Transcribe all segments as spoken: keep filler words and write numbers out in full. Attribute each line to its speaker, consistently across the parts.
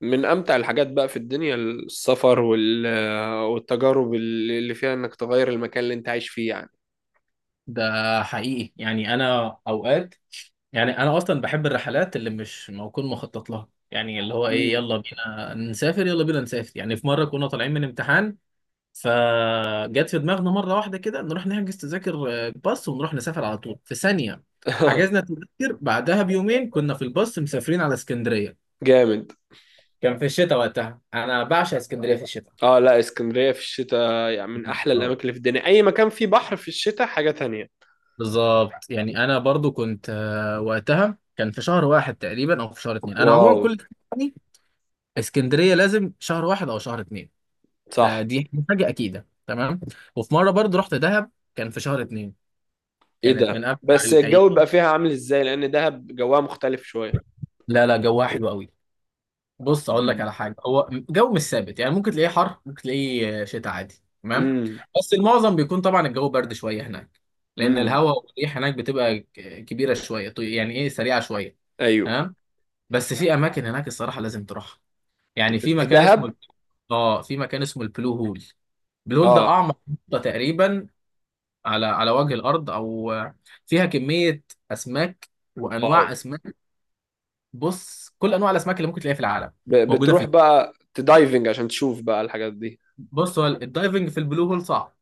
Speaker 1: من امتع الحاجات بقى في الدنيا السفر وال... والتجارب اللي فيها انك تغير المكان اللي انت عايش فيه يعني.
Speaker 2: ده حقيقي، يعني انا اوقات، يعني انا اصلا بحب الرحلات اللي مش موكون مخطط لها. يعني اللي هو ايه،
Speaker 1: امم.
Speaker 2: يلا بينا نسافر، يلا بينا نسافر. يعني في مره كنا طالعين من امتحان، فجت في دماغنا مره واحده كده نروح نحجز تذاكر آه، باص، ونروح نسافر على طول في ثانيه. حجزنا تذاكر، بعدها بيومين كنا في الباص مسافرين على اسكندريه.
Speaker 1: جامد.
Speaker 2: كان في الشتاء وقتها، انا بعشق اسكندريه في الشتاء.
Speaker 1: اه، لا، اسكندرية في الشتاء يعني من احلى
Speaker 2: اه،
Speaker 1: الاماكن اللي في الدنيا، اي مكان فيه بحر في الشتاء حاجة تانية.
Speaker 2: بالظبط. يعني انا برضو كنت، آه، وقتها كان في شهر واحد تقريبا او في شهر اتنين. انا
Speaker 1: واو.
Speaker 2: عموما كل، يعني اسكندريه لازم شهر واحد او شهر اتنين. ده
Speaker 1: صح.
Speaker 2: دي حاجه اكيده. تمام. وفي مره برضو رحت دهب، كان في شهر اتنين.
Speaker 1: ايه
Speaker 2: كانت من
Speaker 1: ده؟
Speaker 2: امتع
Speaker 1: بس الجو
Speaker 2: الايام.
Speaker 1: بيبقى فيها عامل ازاي؟ لان دهب جوها مختلف شوية.
Speaker 2: لا لا، جوها حلو قوي. بص، اقول لك
Speaker 1: مم.
Speaker 2: على حاجه، هو جو مش ثابت. يعني ممكن تلاقيه حر، ممكن تلاقيه آه، شتاء عادي. تمام.
Speaker 1: امم.
Speaker 2: بس المعظم بيكون طبعا الجو برد شويه هناك، لان
Speaker 1: امم.
Speaker 2: الهواء والريح هناك بتبقى ك- كبيره شويه، طي- يعني ايه، سريعه شويه.
Speaker 1: ايوه.
Speaker 2: تمام. بس في اماكن هناك الصراحه لازم تروحها. يعني
Speaker 1: في
Speaker 2: في
Speaker 1: في
Speaker 2: مكان اسمه
Speaker 1: دهب.
Speaker 2: الب- اه في مكان اسمه البلو هول. البلو هول ده
Speaker 1: اه.
Speaker 2: اعمق نقطه تقريبا على على وجه الارض، او فيها كميه اسماك
Speaker 1: واو.
Speaker 2: وانواع اسماك. بص، كل انواع الاسماك اللي ممكن تلاقيها في العالم
Speaker 1: ب...
Speaker 2: موجوده في
Speaker 1: بتروح
Speaker 2: ال-
Speaker 1: بقى تدايفنج عشان تشوف بقى الحاجات دي؟
Speaker 2: بص، هو الدايفنج في البلو هول صعب،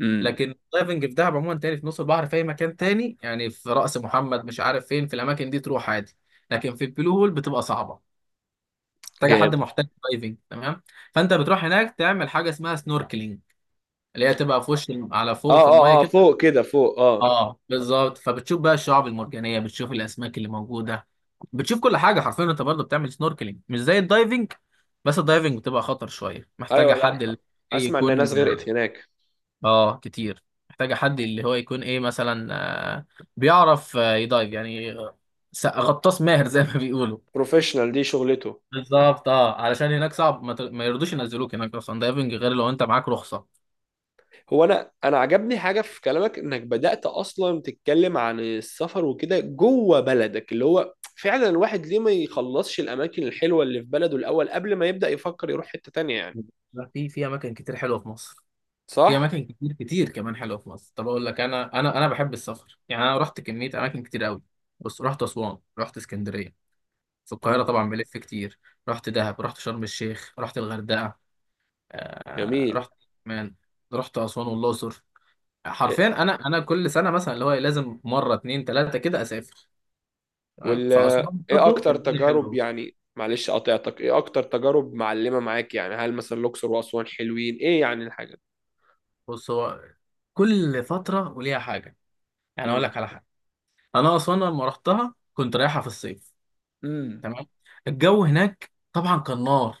Speaker 1: امم.
Speaker 2: لكن الدايفنج في دهب عموما تاني، في نص البحر، في اي مكان تاني. يعني في رأس محمد، مش عارف فين، في الاماكن دي تروح عادي. لكن في البلو هول بتبقى صعبه، محتاجه حد
Speaker 1: جامد.
Speaker 2: محترف دايفنج. تمام. فانت بتروح هناك تعمل حاجه اسمها سنوركلينج، اللي هي تبقى في وش الم- على
Speaker 1: اه،
Speaker 2: فوق، في
Speaker 1: اه،
Speaker 2: الميه
Speaker 1: اه،
Speaker 2: كده.
Speaker 1: فوق كده، فوق، اه.
Speaker 2: اه، بالظبط. فبتشوف بقى الشعاب المرجانيه، بتشوف الاسماك اللي موجوده، بتشوف كل حاجه حرفيا. انت برضه بتعمل سنوركلينج مش زي الدايفنج. بس الدايفنج بتبقى خطر شويه، محتاجه
Speaker 1: ايوه، لا.
Speaker 2: حد اللي إيه
Speaker 1: اسمع ان ناس
Speaker 2: يكون.
Speaker 1: غرقت هناك.
Speaker 2: اه، كتير. محتاجه حد اللي هو يكون ايه، مثلا آه، بيعرف آه، يدايف يعني. آه، س- غطاس ماهر زي ما بيقولوا.
Speaker 1: بروفيشنال، دي شغلته.
Speaker 2: بالظبط. اه، علشان هناك صعب، ما, ت... ما يرضوش ينزلوك هناك اصلا دايفنج غير لو انت معاك رخصه.
Speaker 1: هو انا انا عجبني حاجه في كلامك، انك بدات اصلا تتكلم عن السفر وكده جوه بلدك، اللي هو فعلا الواحد ليه ما يخلصش الاماكن الحلوه اللي في بلده الاول قبل ما يبدا يفكر يروح حته تانية يعني.
Speaker 2: لا، في في اماكن كتير حلوه في مصر. في
Speaker 1: صح.
Speaker 2: اماكن كتير كتير كمان حلوه في مصر. طب، اقول لك، انا انا انا بحب السفر. يعني انا رحت كميه اماكن كتير قوي. بص، رحت اسوان، رحت اسكندريه، في القاهره
Speaker 1: مم.
Speaker 2: طبعا بلف كتير، رحت دهب، رحت شرم الشيخ، رحت الغردقه، آه...
Speaker 1: جميل.
Speaker 2: رحت مان رحت اسوان والاقصر.
Speaker 1: إيه-
Speaker 2: حرفيا انا انا كل سنه مثلا، اللي هو إيه، لازم مره اتنين تلاته كده اسافر. تمام؟
Speaker 1: وال
Speaker 2: فاسوان
Speaker 1: ايه
Speaker 2: برضه
Speaker 1: اكتر
Speaker 2: الدنيا
Speaker 1: تجارب
Speaker 2: حلوه.
Speaker 1: يعني، معلش قاطعتك، ايه اكتر تجارب معلمه معاك يعني؟ هل مثلا الاقصر واسوان حلوين؟ ايه يعني الحاجه؟
Speaker 2: بص، هو كل فترة وليها حاجة. يعني أقول لك على حاجة، أنا أسوان لما رحتها كنت رايحة في الصيف.
Speaker 1: امم.
Speaker 2: تمام. الجو هناك طبعا كان نار،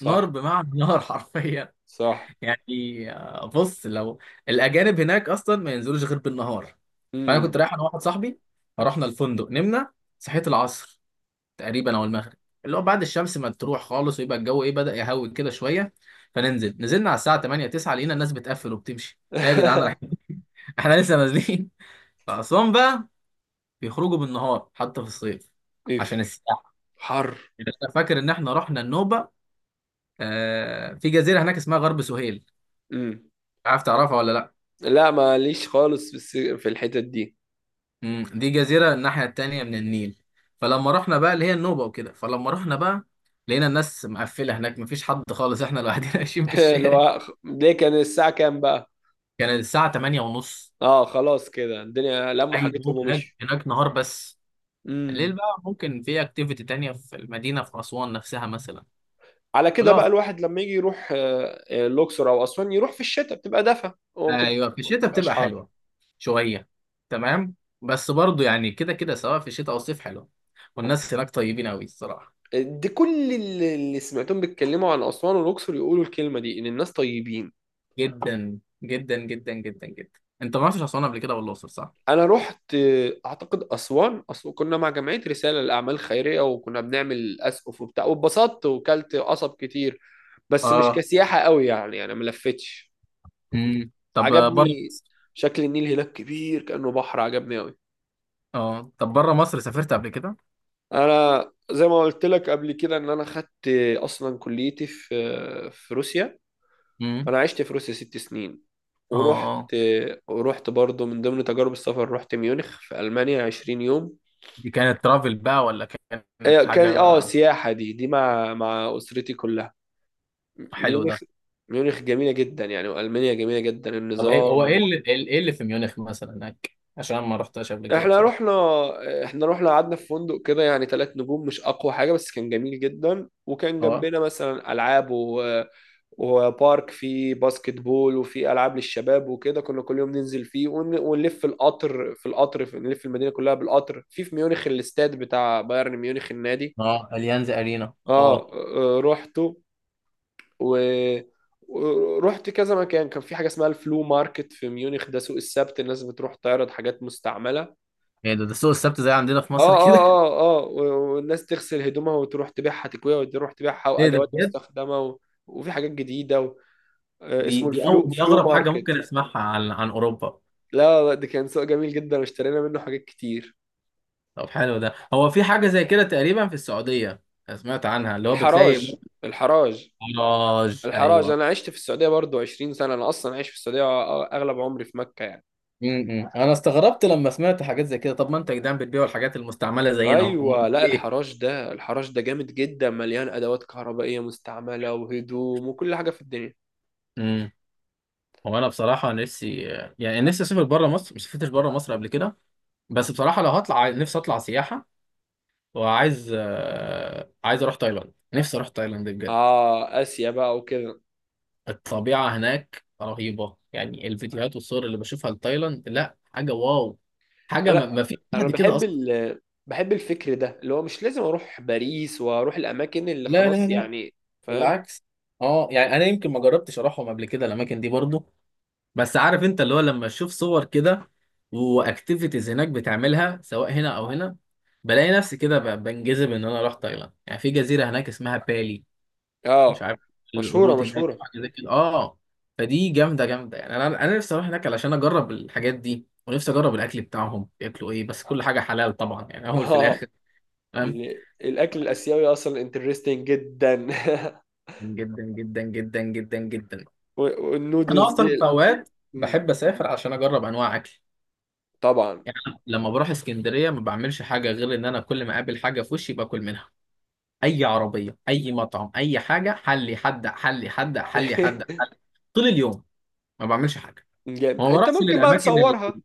Speaker 2: نار بمعنى نار حرفيا.
Speaker 1: صح.
Speaker 2: يعني آه، بص، لو الأجانب هناك أصلا ما ينزلوش غير بالنهار. فأنا كنت
Speaker 1: امم.
Speaker 2: رايح أنا واحد صاحبي، فرحنا الفندق نمنا، صحيت العصر تقريبا او المغرب، اللي هو بعد الشمس ما تروح خالص ويبقى الجو ايه، بدأ يهوي كده شويه. فننزل نزلنا على الساعه تمانيه تسعه، لقينا الناس بتقفل وبتمشي. ايه يا جدعان، رايحين؟ احنا لسه نازلين. فأسوان بقى بيخرجوا بالنهار حتى في الصيف عشان
Speaker 1: ميف.
Speaker 2: السياحه.
Speaker 1: حر.
Speaker 2: انا فاكر ان احنا رحنا النوبه، آه في جزيره هناك اسمها غرب سهيل.
Speaker 1: امم.
Speaker 2: عارف، تعرفها ولا لا؟
Speaker 1: لا، ماليش خالص في الس... في الحتت دي.
Speaker 2: مم. دي جزيره الناحيه التانيه من النيل. فلما رحنا بقى اللي هي النوبه وكده، فلما رحنا بقى لقينا الناس مقفله هناك، مفيش حد خالص، احنا لوحدنا ماشيين في
Speaker 1: اللي
Speaker 2: الشارع.
Speaker 1: هو ليه؟ كان الساعة كام بقى؟
Speaker 2: كان الساعة تمانيه ونص.
Speaker 1: اه، خلاص، كده الدنيا لموا
Speaker 2: أي، هو
Speaker 1: حاجتهم
Speaker 2: هناك
Speaker 1: ومشوا.
Speaker 2: هناك نهار بس.
Speaker 1: امم.
Speaker 2: الليل بقى ممكن في أكتيفيتي تانية في المدينة، في أسوان نفسها مثلا.
Speaker 1: على كده
Speaker 2: ولو
Speaker 1: بقى،
Speaker 2: في-
Speaker 1: الواحد لما يجي يروح آه، آه، الأقصر أو أسوان يروح في الشتاء بتبقى دفا وما بتبقى-
Speaker 2: أيوة، في
Speaker 1: ما
Speaker 2: الشتاء
Speaker 1: بتبقاش
Speaker 2: بتبقى
Speaker 1: حر.
Speaker 2: حلوة شوية. تمام. بس برضو يعني، كده كده سواء في الشتاء أو الصيف حلوة. والناس هناك طيبين أوي الصراحة.
Speaker 1: دي كل اللي اللي سمعتهم بيتكلموا عن أسوان والأقصر يقولوا الكلمة دي، إن الناس طيبين.
Speaker 2: جدا جدا جدا جدا جدا. أنت ما رحتش أسوان قبل كده ولا الأقصر، صح؟
Speaker 1: انا رحت. اعتقد اسوان، اصل كنا مع جمعيه رساله للاعمال الخيريه، وكنا بنعمل اسقف وبتاع، واتبسطت وكلت قصب كتير. بس مش
Speaker 2: آه.
Speaker 1: كسياحه قوي يعني، انا ما لفتش.
Speaker 2: امم طب، بره
Speaker 1: عجبني.
Speaker 2: مصر.
Speaker 1: شكل النيل هناك كبير كانه بحر، عجبني قوي.
Speaker 2: آه، طب بره مصر سافرت قبل كده؟
Speaker 1: انا زي ما قلت لك قبل كده ان انا خدت، اصلا كليتي في في روسيا.
Speaker 2: امم.
Speaker 1: انا عشت في روسيا ست سنين.
Speaker 2: آه.
Speaker 1: ورحت
Speaker 2: آه.
Speaker 1: ورحت برضو من ضمن تجارب السفر رحت ميونخ في المانيا 20 يوم.
Speaker 2: دي كانت ترافل بقى ولا
Speaker 1: آه،
Speaker 2: كانت
Speaker 1: كان اه
Speaker 2: حاجة؟
Speaker 1: سياحة، دي دي مع مع أسرتي كلها.
Speaker 2: حلوة
Speaker 1: ميونخ.
Speaker 2: ده.
Speaker 1: ميونخ جميلة جدا يعني، وألمانيا جميلة جدا،
Speaker 2: طب ايه،
Speaker 1: النظام
Speaker 2: هو ايه
Speaker 1: وال...
Speaker 2: اللي ايه إيه اللي في ميونخ مثلا هناك، عشان أنا ما رحتهاش قبل كده
Speaker 1: احنا
Speaker 2: بصراحه؟
Speaker 1: رحنا احنا رحنا قعدنا في فندق كده يعني، ثلاث نجوم، مش أقوى حاجة بس كان جميل جدا، وكان
Speaker 2: اه،
Speaker 1: جنبنا مثلا ألعاب و... وبارك فيه باسكت بول، وفيه ألعاب للشباب وكده. كنا كل يوم ننزل فيه ون... ونلف في القطر، في القطر في... نلف المدينة كلها بالقطر، في في ميونخ الاستاد بتاع بايرن ميونخ النادي.
Speaker 2: اه، اليانز ارينا،
Speaker 1: اه.
Speaker 2: اه.
Speaker 1: آه، روحته. و ورحت كذا مكان. كان في حاجه اسمها الفلو ماركت في ميونخ، ده سوق السبت، الناس بتروح تعرض حاجات مستعمله. اه.
Speaker 2: ايه ده ده سوق السبت زي عندنا في مصر
Speaker 1: اه،
Speaker 2: كده؟
Speaker 1: اه، اه، و- والناس تغسل هدومها وتروح تبيعها، تكويها وتروح تبيعها،
Speaker 2: ايه ده
Speaker 1: وادوات
Speaker 2: بجد؟
Speaker 1: مستخدمه و... وفي حاجات جديده و... آه
Speaker 2: دي
Speaker 1: اسمه
Speaker 2: دي أو
Speaker 1: الفلو
Speaker 2: دي
Speaker 1: فلو
Speaker 2: اغرب حاجه
Speaker 1: ماركت.
Speaker 2: ممكن اسمعها عن عن اوروبا.
Speaker 1: لا، لا، ده كان سوق جميل جدا، واشترينا منه حاجات كتير.
Speaker 2: طب حلو ده. هو في حاجه زي كده تقريبا في السعوديه، أنا سمعت عنها، اللي هو بتلاقي.
Speaker 1: الحراج. الحراج.
Speaker 2: مراج،
Speaker 1: الحراج،
Speaker 2: ايوه.
Speaker 1: انا عشت في السعوديه برضو 20 سنه، انا اصلا عايش في السعوديه اغلب عمري في مكه يعني.
Speaker 2: امم انا استغربت لما سمعت حاجات زي كده. طب ما انت يا جدعان بتبيعوا الحاجات المستعمله زينا اهو، أمال
Speaker 1: ايوه، لا،
Speaker 2: ليه؟
Speaker 1: الحراش ده الحراش ده جامد جدا، مليان ادوات كهربائيه مستعمله وهدوم وكل حاجه في الدنيا.
Speaker 2: امم هو انا بصراحه نفسي، يعني نفسي اسافر بره مصر، ما سافرتش بره مصر قبل كده. بس بصراحة، لو هطلع عاي- نفسي أطلع سياحة، وعايز آه، عايز أروح تايلاند. نفسي أروح تايلاند بجد.
Speaker 1: اه، اسيا بقى وكده.
Speaker 2: الطبيعة هناك رهيبة. يعني الفيديوهات والصور اللي بشوفها لتايلاند، لا، حاجة واو. حاجة ما,
Speaker 1: لا،
Speaker 2: ما في
Speaker 1: انا
Speaker 2: حد كده
Speaker 1: بحب
Speaker 2: أصلا.
Speaker 1: ال بحب الفكر ده، اللي هو مش لازم اروح باريس واروح الاماكن اللي
Speaker 2: لا لا
Speaker 1: خلاص
Speaker 2: لا،
Speaker 1: يعني. فاهم.
Speaker 2: بالعكس. اه، يعني أنا يمكن ما جربتش أروحهم قبل كده الأماكن دي برضو، بس عارف أنت، اللي هو لما أشوف صور كده وأكتيفيتيز هناك بتعملها سواء هنا أو هنا، بلاقي نفسي كده ب- بنجذب إن أنا أروح تايلاند. يعني في جزيرة هناك اسمها بالي، مش
Speaker 1: اه.
Speaker 2: عارف،
Speaker 1: مشهوره،
Speaker 2: القرود هناك أو
Speaker 1: مشهوره.
Speaker 2: حاجه زي كده، اه. فدي جامده جامده، يعني انا انا نفسي اروح هناك علشان اجرب الحاجات دي، ونفسي اجرب الاكل بتاعهم، بياكلوا ايه، بس كل حاجه حلال طبعا يعني، اول في
Speaker 1: اه.
Speaker 2: الاخر. فاهم؟
Speaker 1: ال- الاكل الاسيوي اصلا انترستنج جدا.
Speaker 2: جدا جدا جدا جدا جدا.
Speaker 1: و-
Speaker 2: انا
Speaker 1: والنودلز دي.
Speaker 2: اصلا في اوقات
Speaker 1: مم.
Speaker 2: بحب اسافر عشان اجرب انواع اكل.
Speaker 1: طبعا.
Speaker 2: يعني أنا لما بروح اسكندريه ما بعملش حاجه غير ان انا كل ما اقابل حاجه في وشي باكل منها. اي عربيه، اي مطعم، اي حاجه، حلي حد، حلي حد، حلي حد، حلي. طول اليوم ما بعملش حاجه،
Speaker 1: جامد.
Speaker 2: ما
Speaker 1: انت
Speaker 2: بروحش
Speaker 1: ممكن بقى
Speaker 2: للاماكن.
Speaker 1: تصورها؟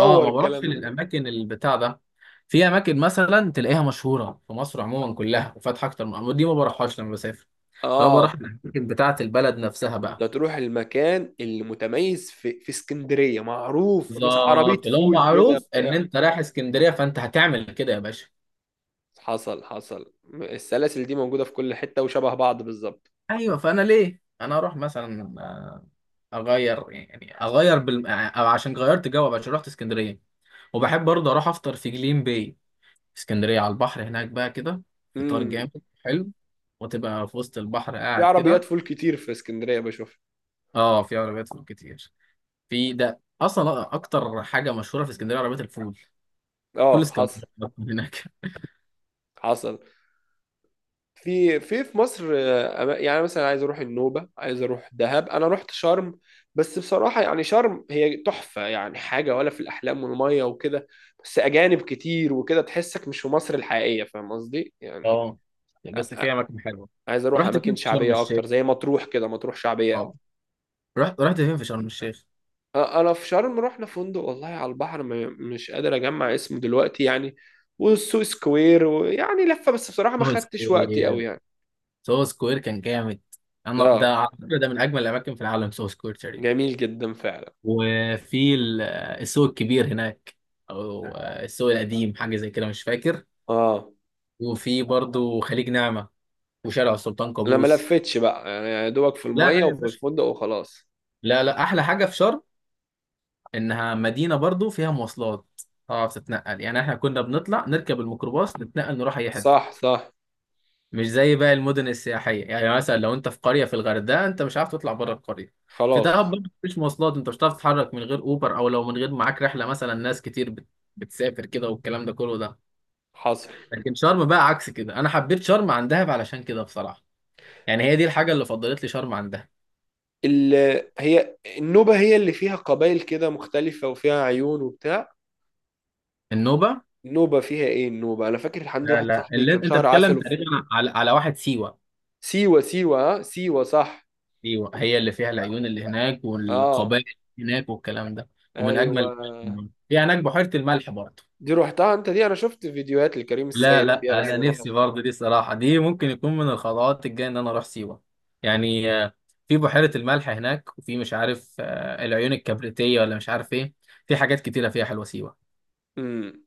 Speaker 2: اه، ما بروحش
Speaker 1: الكلام ده.
Speaker 2: للاماكن البتاع ده. في اماكن مثلا تلاقيها مشهوره في مصر عموما كلها وفاتحه اكتر من أماكن، دي ما بروحهاش لما بسافر. لو بروح
Speaker 1: اه.
Speaker 2: الاماكن بتاعه البلد نفسها
Speaker 1: انت
Speaker 2: بقى.
Speaker 1: هتروح المكان اللي متميز في في اسكندريه معروف، بس عربيه
Speaker 2: بالظبط، لو
Speaker 1: فول كده
Speaker 2: معروف ان
Speaker 1: بتاع.
Speaker 2: انت رايح اسكندريه فانت هتعمل كده يا باشا.
Speaker 1: حصل، حصل. السلاسل دي موجوده في كل حته وشبه بعض بالظبط.
Speaker 2: ايوه. فانا ليه انا اروح مثلا، آه، اغير، يعني اغير بال... أو عشان غيرت جو بقى، عشان رحت اسكندريه. وبحب برضه اروح افطر في جليم باي، في اسكندريه على البحر هناك بقى كده. فطار
Speaker 1: امم.
Speaker 2: جامد حلو، وتبقى في وسط البحر
Speaker 1: في
Speaker 2: قاعد
Speaker 1: عربيات
Speaker 2: كده.
Speaker 1: فول كتير في اسكندريه بشوف.
Speaker 2: اه، في عربيات فول كتير. في ده اصلا اكتر حاجه مشهوره في اسكندريه، عربيات الفول. فول
Speaker 1: اه.
Speaker 2: اسكندريه
Speaker 1: حصل،
Speaker 2: هناك.
Speaker 1: حصل. في في في مصر، آه، أما- يعني مثلا عايز اروح النوبه، عايز اروح دهب، انا رحت شرم. بس بصراحه يعني شرم هي تحفه، يعني حاجه ولا في الاحلام والميه وكده. بس اجانب كتير وكده، تحسك مش في مصر الحقيقيه، فاهم قصدي يعني.
Speaker 2: اه، بس في اماكن حلوه.
Speaker 1: عايز اروح
Speaker 2: رحت فين
Speaker 1: اماكن
Speaker 2: في شرم
Speaker 1: شعبيه
Speaker 2: الشيخ؟
Speaker 1: اكتر زي مطروح كده، مطروح شعبيه قوي.
Speaker 2: اه، رحت رحت فين في شرم الشيخ؟
Speaker 1: انا في شرم رحنا فندق والله على البحر، م- مش قادر اجمع اسمه دلوقتي يعني. والسوق سكوير ويعني لفه، بس بصراحه ما
Speaker 2: سوهو
Speaker 1: خدتش وقتي
Speaker 2: سكوير.
Speaker 1: قوي يعني.
Speaker 2: سوهو سكوير كان جامد. انا
Speaker 1: اه،
Speaker 2: ده على فكره ده من اجمل الاماكن في العالم، سوهو سكوير تقريبا.
Speaker 1: جميل جدا فعلا.
Speaker 2: وفي ال- السوق الكبير هناك، او السوق القديم، حاجه زي كده، مش فاكر.
Speaker 1: اه،
Speaker 2: وفي برضو خليج نعمه وشارع السلطان
Speaker 1: انا ما
Speaker 2: قابوس.
Speaker 1: لفتش بقى يعني، يا دوبك في
Speaker 2: لا
Speaker 1: الميه
Speaker 2: لا يا
Speaker 1: وفي
Speaker 2: باشا،
Speaker 1: الفندق وخلاص.
Speaker 2: لا لا، احلى حاجه في شرم انها مدينه برضو فيها مواصلات، تعرف تتنقل. يعني احنا كنا بنطلع نركب الميكروباص نتنقل، نروح اي حته،
Speaker 1: صح، صح.
Speaker 2: مش زي باقي المدن السياحيه. يعني مثلا لو انت في قريه في الغردقه، انت مش عارف تطلع بره القريه. في دهب
Speaker 1: خلاص.
Speaker 2: برضو مفيش مواصلات، انت مش هتعرف تتحرك من غير اوبر، او لو من غير معاك رحله مثلا. ناس كتير بت... بتسافر كده والكلام ده كله ده.
Speaker 1: حصل.
Speaker 2: لكن شرم بقى عكس كده، انا حبيت شرم عن دهب علشان كده بصراحه. يعني هي دي الحاجه اللي فضلت لي شرم عن دهب.
Speaker 1: ال... هي النوبه هي اللي فيها قبائل كده مختلفه، وفيها عيون وبتاع.
Speaker 2: النوبه.
Speaker 1: النوبه فيها ايه؟ النوبه، انا فاكر عندي
Speaker 2: لا
Speaker 1: واحد
Speaker 2: لا،
Speaker 1: صاحبي
Speaker 2: اللي
Speaker 1: كان
Speaker 2: انت
Speaker 1: شهر
Speaker 2: بتتكلم
Speaker 1: عسل.
Speaker 2: تقريبا على على واحد سيوه.
Speaker 1: سيوة، سيوة، ها، سيوة، صح.
Speaker 2: ايوه، هي اللي فيها العيون اللي هناك
Speaker 1: اه.
Speaker 2: والقبائل اللي هناك والكلام ده. ومن
Speaker 1: ايوه.
Speaker 2: اجمل، في هناك بحيره الملح برضه.
Speaker 1: دي روحتها انت دي؟ انا شفت فيديوهات لكريم
Speaker 2: لا
Speaker 1: السيد
Speaker 2: لا،
Speaker 1: فيها بس
Speaker 2: انا
Speaker 1: ما
Speaker 2: نفسي
Speaker 1: روحتش.
Speaker 2: برضه دي، صراحه دي ممكن يكون من الخطوات الجايه ان انا اروح سيوه. يعني آه، في بحيره الملح هناك، وفي مش عارف، آه، العيون الكبريتيه ولا مش عارف ايه. في حاجات كتيره فيها حلوه سيوه.
Speaker 1: امم.